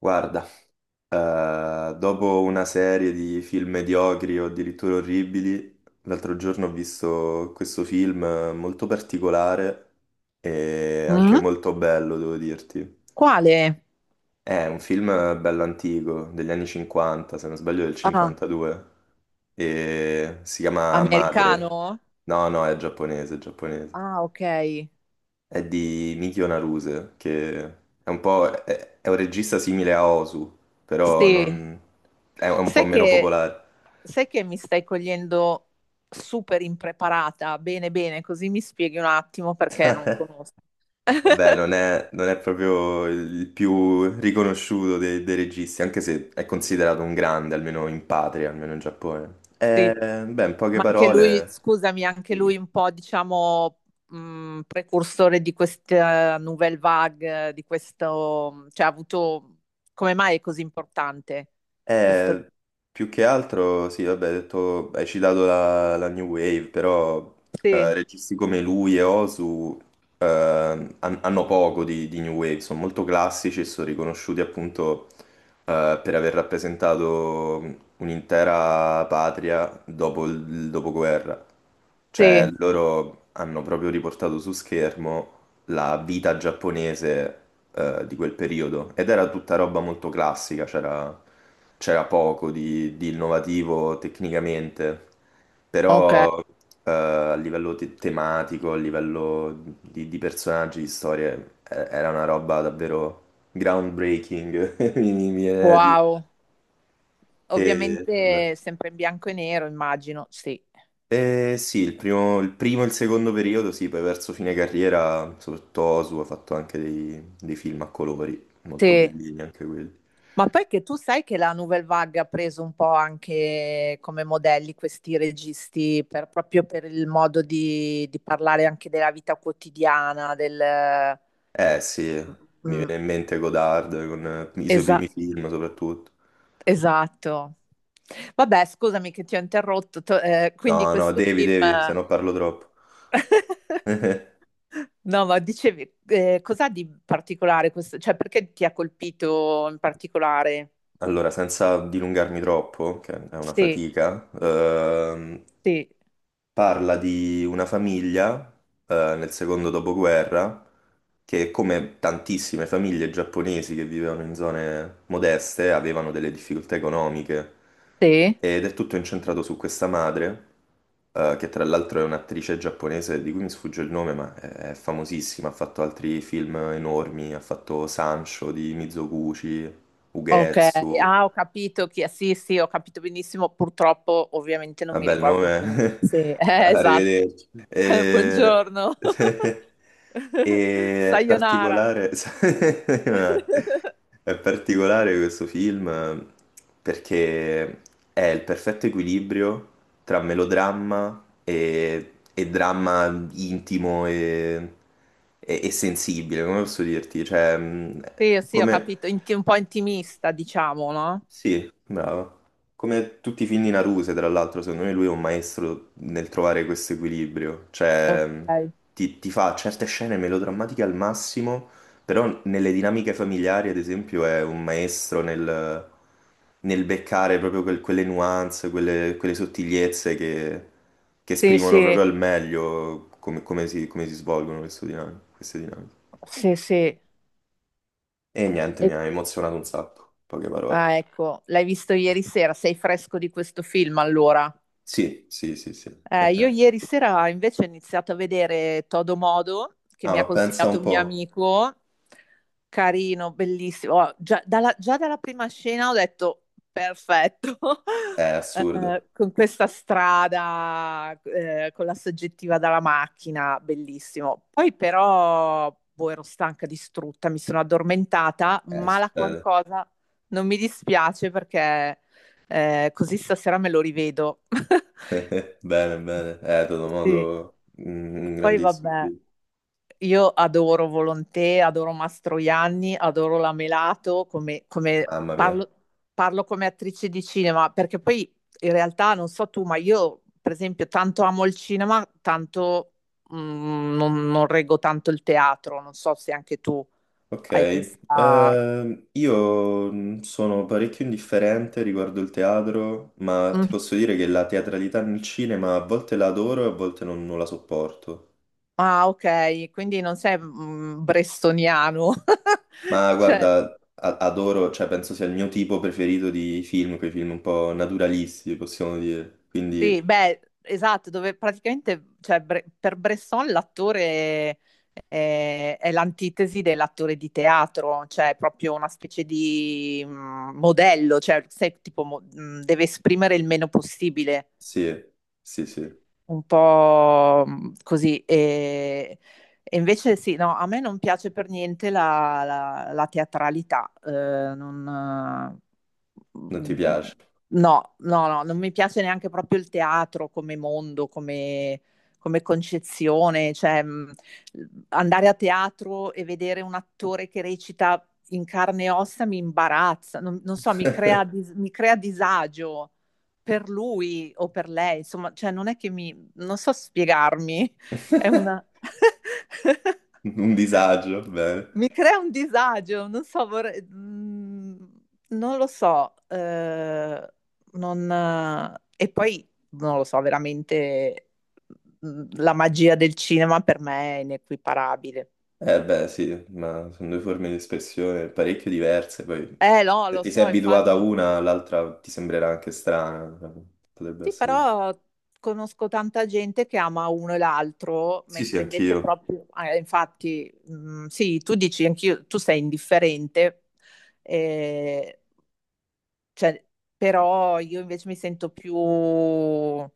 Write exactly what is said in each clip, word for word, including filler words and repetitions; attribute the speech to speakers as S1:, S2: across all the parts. S1: Guarda, eh, dopo una serie di film mediocri o addirittura orribili, l'altro giorno ho visto questo film eh, molto particolare e anche
S2: Mm?
S1: molto bello, devo dirti.
S2: Quale?
S1: È un film eh, bello antico, degli anni cinquanta, se non sbaglio del
S2: Ah,
S1: cinquantadue, e si chiama Madre.
S2: americano?
S1: No, no, è giapponese, è giapponese.
S2: Ah, ok.
S1: È di Mikio Naruse, che è un po'... è, è un regista simile a Osu, però
S2: Sì.
S1: non... è un po'
S2: Sai
S1: meno
S2: che,
S1: popolare.
S2: sai che mi stai cogliendo super impreparata? Bene, bene, così mi spieghi un attimo perché non conosco.
S1: Vabbè, non è, non è proprio il più riconosciuto dei, dei registi, anche se è considerato un grande, almeno in patria, almeno in Giappone.
S2: Sì,
S1: Eh, beh, in poche
S2: ma anche lui,
S1: parole...
S2: scusami, anche
S1: Sì.
S2: lui un po', diciamo, mh, precursore di questa Nouvelle Vague, di questo, cioè ha avuto, come mai è così importante questo?
S1: Eh, Più che altro, sì, vabbè, hai detto, hai citato la, la New Wave, però eh,
S2: Sì,
S1: registi come lui e Osu eh, han- hanno poco di, di New Wave, sono molto classici e sono riconosciuti appunto eh, per aver rappresentato un'intera patria dopo il il dopoguerra. Cioè,
S2: sì,
S1: loro hanno proprio riportato su schermo la vita giapponese eh, di quel periodo ed era tutta roba molto classica, c'era c'era poco di, di innovativo tecnicamente,
S2: ok,
S1: però eh, a livello te- tematico, a livello di, di personaggi, di storie, eh, era una roba davvero groundbreaking, mi mi viene da dire.
S2: wow.
S1: E, vabbè.
S2: Ovviamente sempre in bianco e nero, immagino, sì.
S1: Eh, sì, il primo, il primo e il secondo periodo, sì, poi verso fine carriera, soprattutto Osu ha fatto anche dei, dei film a colori, molto
S2: Sì.
S1: bellini anche quelli.
S2: Ma poi che tu sai che la Nouvelle Vague ha preso un po' anche come modelli questi registi per- proprio per il modo di, di parlare anche della vita quotidiana, del.
S1: Eh sì,
S2: Mm,
S1: mi
S2: mm,
S1: viene in mente Godard con eh, i suoi
S2: esa-
S1: primi film soprattutto.
S2: esatto. Vabbè, scusami che ti ho interrotto. to- eh, quindi
S1: No, no,
S2: questo
S1: devi,
S2: film.
S1: devi, se no parlo troppo.
S2: No, ma dicevi, eh, cos'ha di particolare questo? Cioè, perché ti ha colpito in particolare?
S1: Allora, senza dilungarmi troppo, che è una
S2: Sì,
S1: fatica, ehm,
S2: sì,
S1: parla di una famiglia, eh, nel secondo dopoguerra, che come tantissime famiglie giapponesi che vivevano in zone modeste, avevano delle difficoltà economiche.
S2: sì.
S1: Ed è tutto incentrato su questa madre, eh, che tra l'altro è un'attrice giapponese di cui mi sfugge il nome, ma è è famosissima, ha fatto altri film enormi, ha fatto Sancho di Mizoguchi,
S2: Ok,
S1: Ugetsu.
S2: ah, ho capito chi è. Sì, sì, ho capito benissimo. Purtroppo, ovviamente, non mi
S1: Vabbè, il
S2: ricordo nemmeno.
S1: nome...
S2: Sì, eh, esatto.
S1: Arrivederci.
S2: Cioè,
S1: Eh,
S2: buongiorno.
S1: E... È
S2: Sayonara.
S1: particolare... È particolare questo film eh, perché è il perfetto equilibrio tra melodramma e, e dramma intimo e... e- e sensibile, come posso dirti? Cioè, mh,
S2: Sì, sì, ho
S1: come...
S2: capito. Inti- un po' intimista, diciamo, no?
S1: Sì, bravo. Come tutti i film di Naruse, tra l'altro, secondo me lui è un maestro nel trovare questo equilibrio.
S2: Ok.
S1: Cioè, mh, ti, ti fa certe scene melodrammatiche al massimo, però nelle dinamiche familiari, ad esempio, è un maestro nel, nel beccare proprio quel- quelle nuance, quelle, quelle sottigliezze che, che
S2: Sì,
S1: esprimono
S2: sì,
S1: proprio al meglio come, come si, come si svolgono questo dinam- queste dinamiche.
S2: sì, sì. E-
S1: E niente, mi ha emozionato un sacco, poche parole.
S2: ah, ecco, l'hai visto ieri sera. Sei fresco di questo film, allora?
S1: Sì, sì, sì, sì.
S2: Eh, io ieri sera invece ho iniziato a vedere Todo Modo, che
S1: Ah,
S2: mi
S1: ma
S2: ha
S1: pensa
S2: consigliato
S1: un
S2: un mio
S1: po'.
S2: amico, carino, bellissimo. Oh, già, dalla, già dalla prima scena ho detto perfetto.
S1: È
S2: Eh,
S1: assurdo.
S2: con questa strada, eh, con la soggettiva dalla macchina, bellissimo. Poi però, boh, ero stanca, distrutta, mi sono addormentata,
S1: Eh,
S2: ma la
S1: succede.
S2: qualcosa non mi dispiace perché eh, così stasera me lo rivedo.
S1: Bene, bene. Eh, Toto
S2: Sì,
S1: Modo, un un
S2: poi
S1: grandissimo
S2: vabbè,
S1: film.
S2: io adoro Volontè, adoro Mastroianni, adoro la Melato, come, come-
S1: Mamma mia.
S2: parlo, parlo come attrice di cinema, perché poi in realtà non so tu, ma io per esempio tanto amo il cinema, tanto mm, non, non reggo tanto il teatro, non so se anche tu
S1: Ok.
S2: hai questa.
S1: Ehm, io mh, sono parecchio indifferente riguardo il teatro, ma ti
S2: Mm.
S1: posso dire che la teatralità nel cinema a volte la adoro e a volte non, non la sopporto.
S2: Ah, ok, quindi non sei mm, brestoniano.
S1: Ma
S2: Cioè.
S1: guarda, a- adoro, cioè penso sia il mio tipo preferito di film, quei film un po' naturalisti, possiamo dire.
S2: Sì,
S1: Quindi
S2: beh, esatto, dove praticamente, cioè, Bre- per Bresson l'attore è, è l'antitesi dell'attore di teatro, cioè è proprio una specie di mm, modello, cioè se, tipo, mo- mm, deve esprimere il meno possibile
S1: sì, sì, sì.
S2: un po' mh, così. E, e invece sì, no, a me non piace per niente la, la- la teatralità. eh, non, eh,
S1: Non ti piace?
S2: no, no, no, non mi piace neanche proprio il teatro come mondo, come, come concezione. Cioè, mh, andare a teatro e vedere un attore che recita in carne e ossa mi imbarazza, non, non so, mi crea, dis- mi crea disagio per lui o per lei, insomma, cioè non è che non so spiegarmi, è una.
S1: Un disagio, bene.
S2: Mi crea un disagio, non so, vorrei. Mm, non lo so, eh, non. Eh, e poi non lo so, veramente mm, la magia del cinema per me è inequiparabile.
S1: Eh beh, sì, ma sono due forme di espressione parecchio diverse, poi
S2: Eh no,
S1: se
S2: lo
S1: ti sei
S2: so,
S1: abituato a
S2: infatti.
S1: una, l'altra ti sembrerà anche strana. Potrebbe
S2: Sì,
S1: essere...
S2: però conosco tanta gente che ama uno e l'altro,
S1: Sì, sì,
S2: mentre invece
S1: anch'io.
S2: proprio, eh, infatti, mh, sì, tu dici anch'io, tu sei indifferente, eh, cioè, però io invece mi sento più, eh,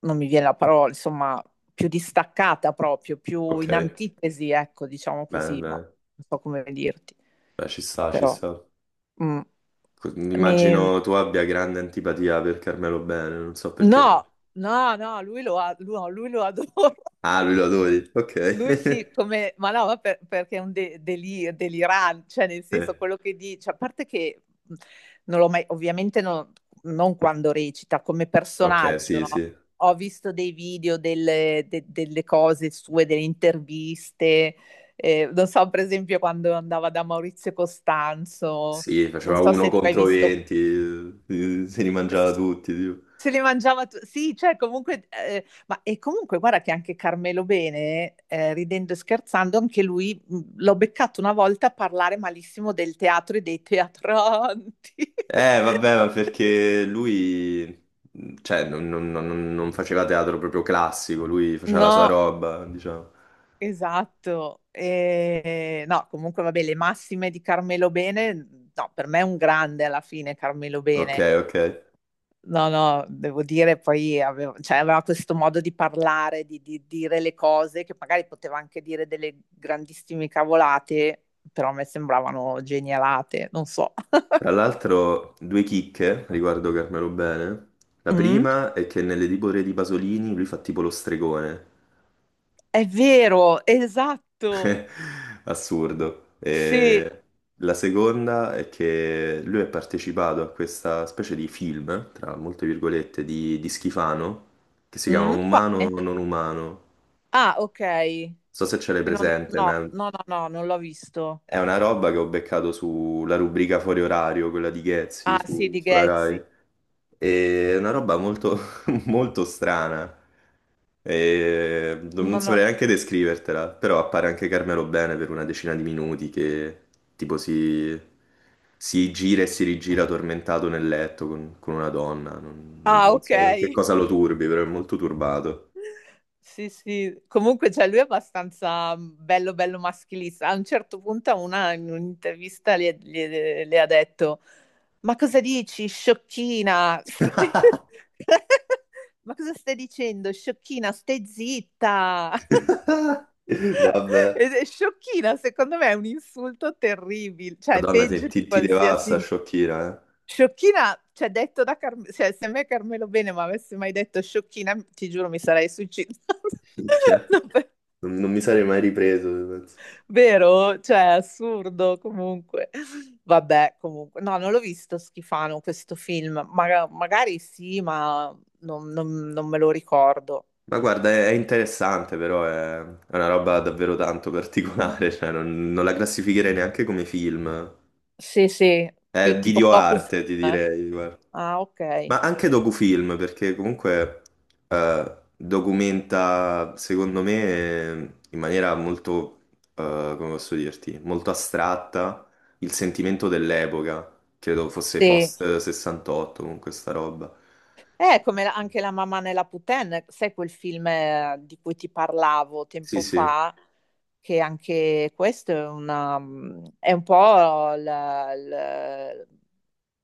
S2: non mi viene la parola, insomma, più distaccata proprio, più
S1: Ok,
S2: in antitesi, ecco, diciamo
S1: bene,
S2: così, ma
S1: bene.
S2: non so come dirti,
S1: Beh, ci sta, ci
S2: però.
S1: sta.
S2: Mm.
S1: Co-
S2: Mi,
S1: Immagino tu abbia grande antipatia per Carmelo Bene, non so perché, ma...
S2: No, no, no, lui lo, a- lui- no, lui lo adora.
S1: Ah, lui lo adori, ok.
S2: Lui sì, come, ma no, ma per- perché è un de- deli- delirante, cioè nel senso
S1: Eh,
S2: quello che dice, a parte che mh, non l'ho mai, ovviamente non, non quando recita, come
S1: ok,
S2: personaggio,
S1: sì,
S2: no?
S1: sì.
S2: Ho visto dei video delle, de- delle cose sue, delle interviste, eh, non so, per esempio quando andava da Maurizio Costanzo,
S1: Sì,
S2: non
S1: faceva
S2: so
S1: uno
S2: se tu hai
S1: contro
S2: visto.
S1: venti, eh, se li mangiava tutti, tipo.
S2: Se li mangiava tu sì, cioè comunque ehm, ma e comunque guarda che anche Carmelo Bene, ehm, ridendo e scherzando, anche lui, mhmm, l'ho beccato una volta a parlare malissimo del teatro e dei teatranti.
S1: Eh, vabbè, ma perché lui, cioè, non, non- non- non faceva teatro proprio classico, lui faceva la sua
S2: No,
S1: roba, diciamo.
S2: esatto. Ehm, no, comunque vabbè, le massime di Carmelo Bene, no, per me è un grande alla fine Carmelo
S1: Ok,
S2: Bene.
S1: ok.
S2: No, no, devo dire, poi avevo- cioè, aveva questo modo di parlare, di, di, dire le cose, che magari poteva anche dire delle grandissime cavolate, però a me sembravano genialate, non so.
S1: Tra l'altro, due chicche riguardo Carmelo Bene. La
S2: Mm?
S1: prima è che nelle Dibore di Pasolini lui fa tipo lo stregone.
S2: È vero, esatto.
S1: Assurdo.
S2: Sì,
S1: E la seconda è che lui è partecipato a questa specie di film, tra molte virgolette, di, di Schifano, che si chiama
S2: mm,
S1: Umano
S2: quale?
S1: o non umano.
S2: Ah, ok.
S1: So se ce l'hai
S2: Che non-
S1: presente,
S2: No,
S1: ma
S2: no, no, no, non l'ho visto.
S1: è una roba che ho beccato sulla rubrica fuori orario, quella di Ghezzi
S2: Ah, sì,
S1: su-
S2: di
S1: sulla
S2: Ghezzi.
S1: Rai. È una roba molto, molto strana. E non
S2: No,
S1: non
S2: no.
S1: saprei neanche descrivertela, però appare anche Carmelo Bene per una decina di minuti che tipo si, si gira e si rigira tormentato nel letto con, con una donna. Non, non-
S2: Ah,
S1: non
S2: ok.
S1: so che cosa lo turbi, però è molto turbato.
S2: Sì, sì, comunque cioè, lui è abbastanza mm, bello, bello maschilista. A un certo punto, a una, in un'intervista le, le- le ha detto: ma cosa dici, sciocchina? Ma cosa stai dicendo, sciocchina? Stai zitta.
S1: Vabbè.
S2: Ed è sciocchina, secondo me è un insulto terribile, cioè è
S1: Madonna, ti,
S2: peggio di
S1: ti, ti
S2: qualsiasi.
S1: devasta, sciocchina, eh?
S2: Sciocchina, cioè detto da Carmelo, cioè se a me Carmelo Bene mi avesse mai detto sciocchina, ti giuro mi sarei suicidata.
S1: Minchia,
S2: No, per-
S1: Non, non mi sarei mai ripreso, penso.
S2: vero? Cioè, assurdo comunque. Vabbè, comunque. No, non l'ho visto Schifano questo film. Maga- magari sì, ma non, non- non me lo ricordo.
S1: Ma guarda, è, è interessante, però è, è una roba davvero tanto particolare, cioè non, non la classificherei neanche come film.
S2: Sì, sì,
S1: È
S2: più tipo docu,
S1: videoarte, ti
S2: eh?
S1: direi, guarda.
S2: Ah, ok.
S1: Ma anche docufilm, perché comunque eh, documenta, secondo me, in maniera molto, eh, come posso dirti, molto astratta il sentimento dell'epoca. Credo fosse
S2: Sì.
S1: post sessantotto, comunque sta roba.
S2: È come la- anche La mamma nella Puten, sai quel film eh, di cui ti parlavo
S1: Sì,
S2: tempo
S1: sì.
S2: fa, che anche questo è, una, mm, è un po' la- la-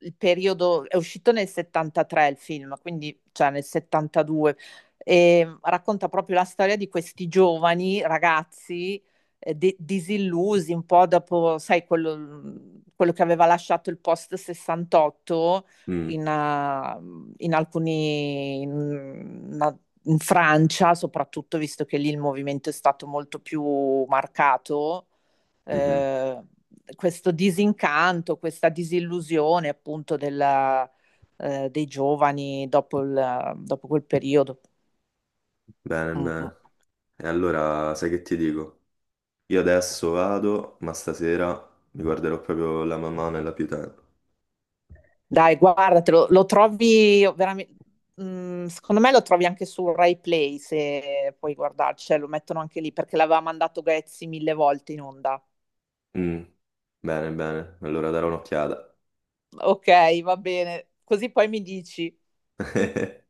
S2: il periodo, è uscito nel settantatré il film, quindi cioè nel settantadue, e racconta proprio la storia di questi giovani ragazzi eh, de- disillusi un po' dopo, sai, quello mm, quello che aveva lasciato il post sessantotto
S1: Mm,
S2: in, eh, in alcuni, in, una- in Francia soprattutto, visto che lì il movimento è stato molto più marcato,
S1: mhm.
S2: eh, questo disincanto, questa disillusione appunto della, eh, dei giovani dopo, il- dopo quel periodo.
S1: Bene,
S2: Mm.
S1: bene. E allora sai che ti dico? Io adesso vado, ma stasera mi guarderò proprio la mamma nella pietà.
S2: Dai, guardatelo, lo trovi veramente. mm, Secondo me lo trovi anche su Rai Play se puoi guardarci, cioè, lo mettono anche lì perché l'aveva mandato Ghezzi mille volte in onda.
S1: Mm, bene, bene. Allora darò un'occhiata.
S2: Okay, va bene. Così poi mi dici.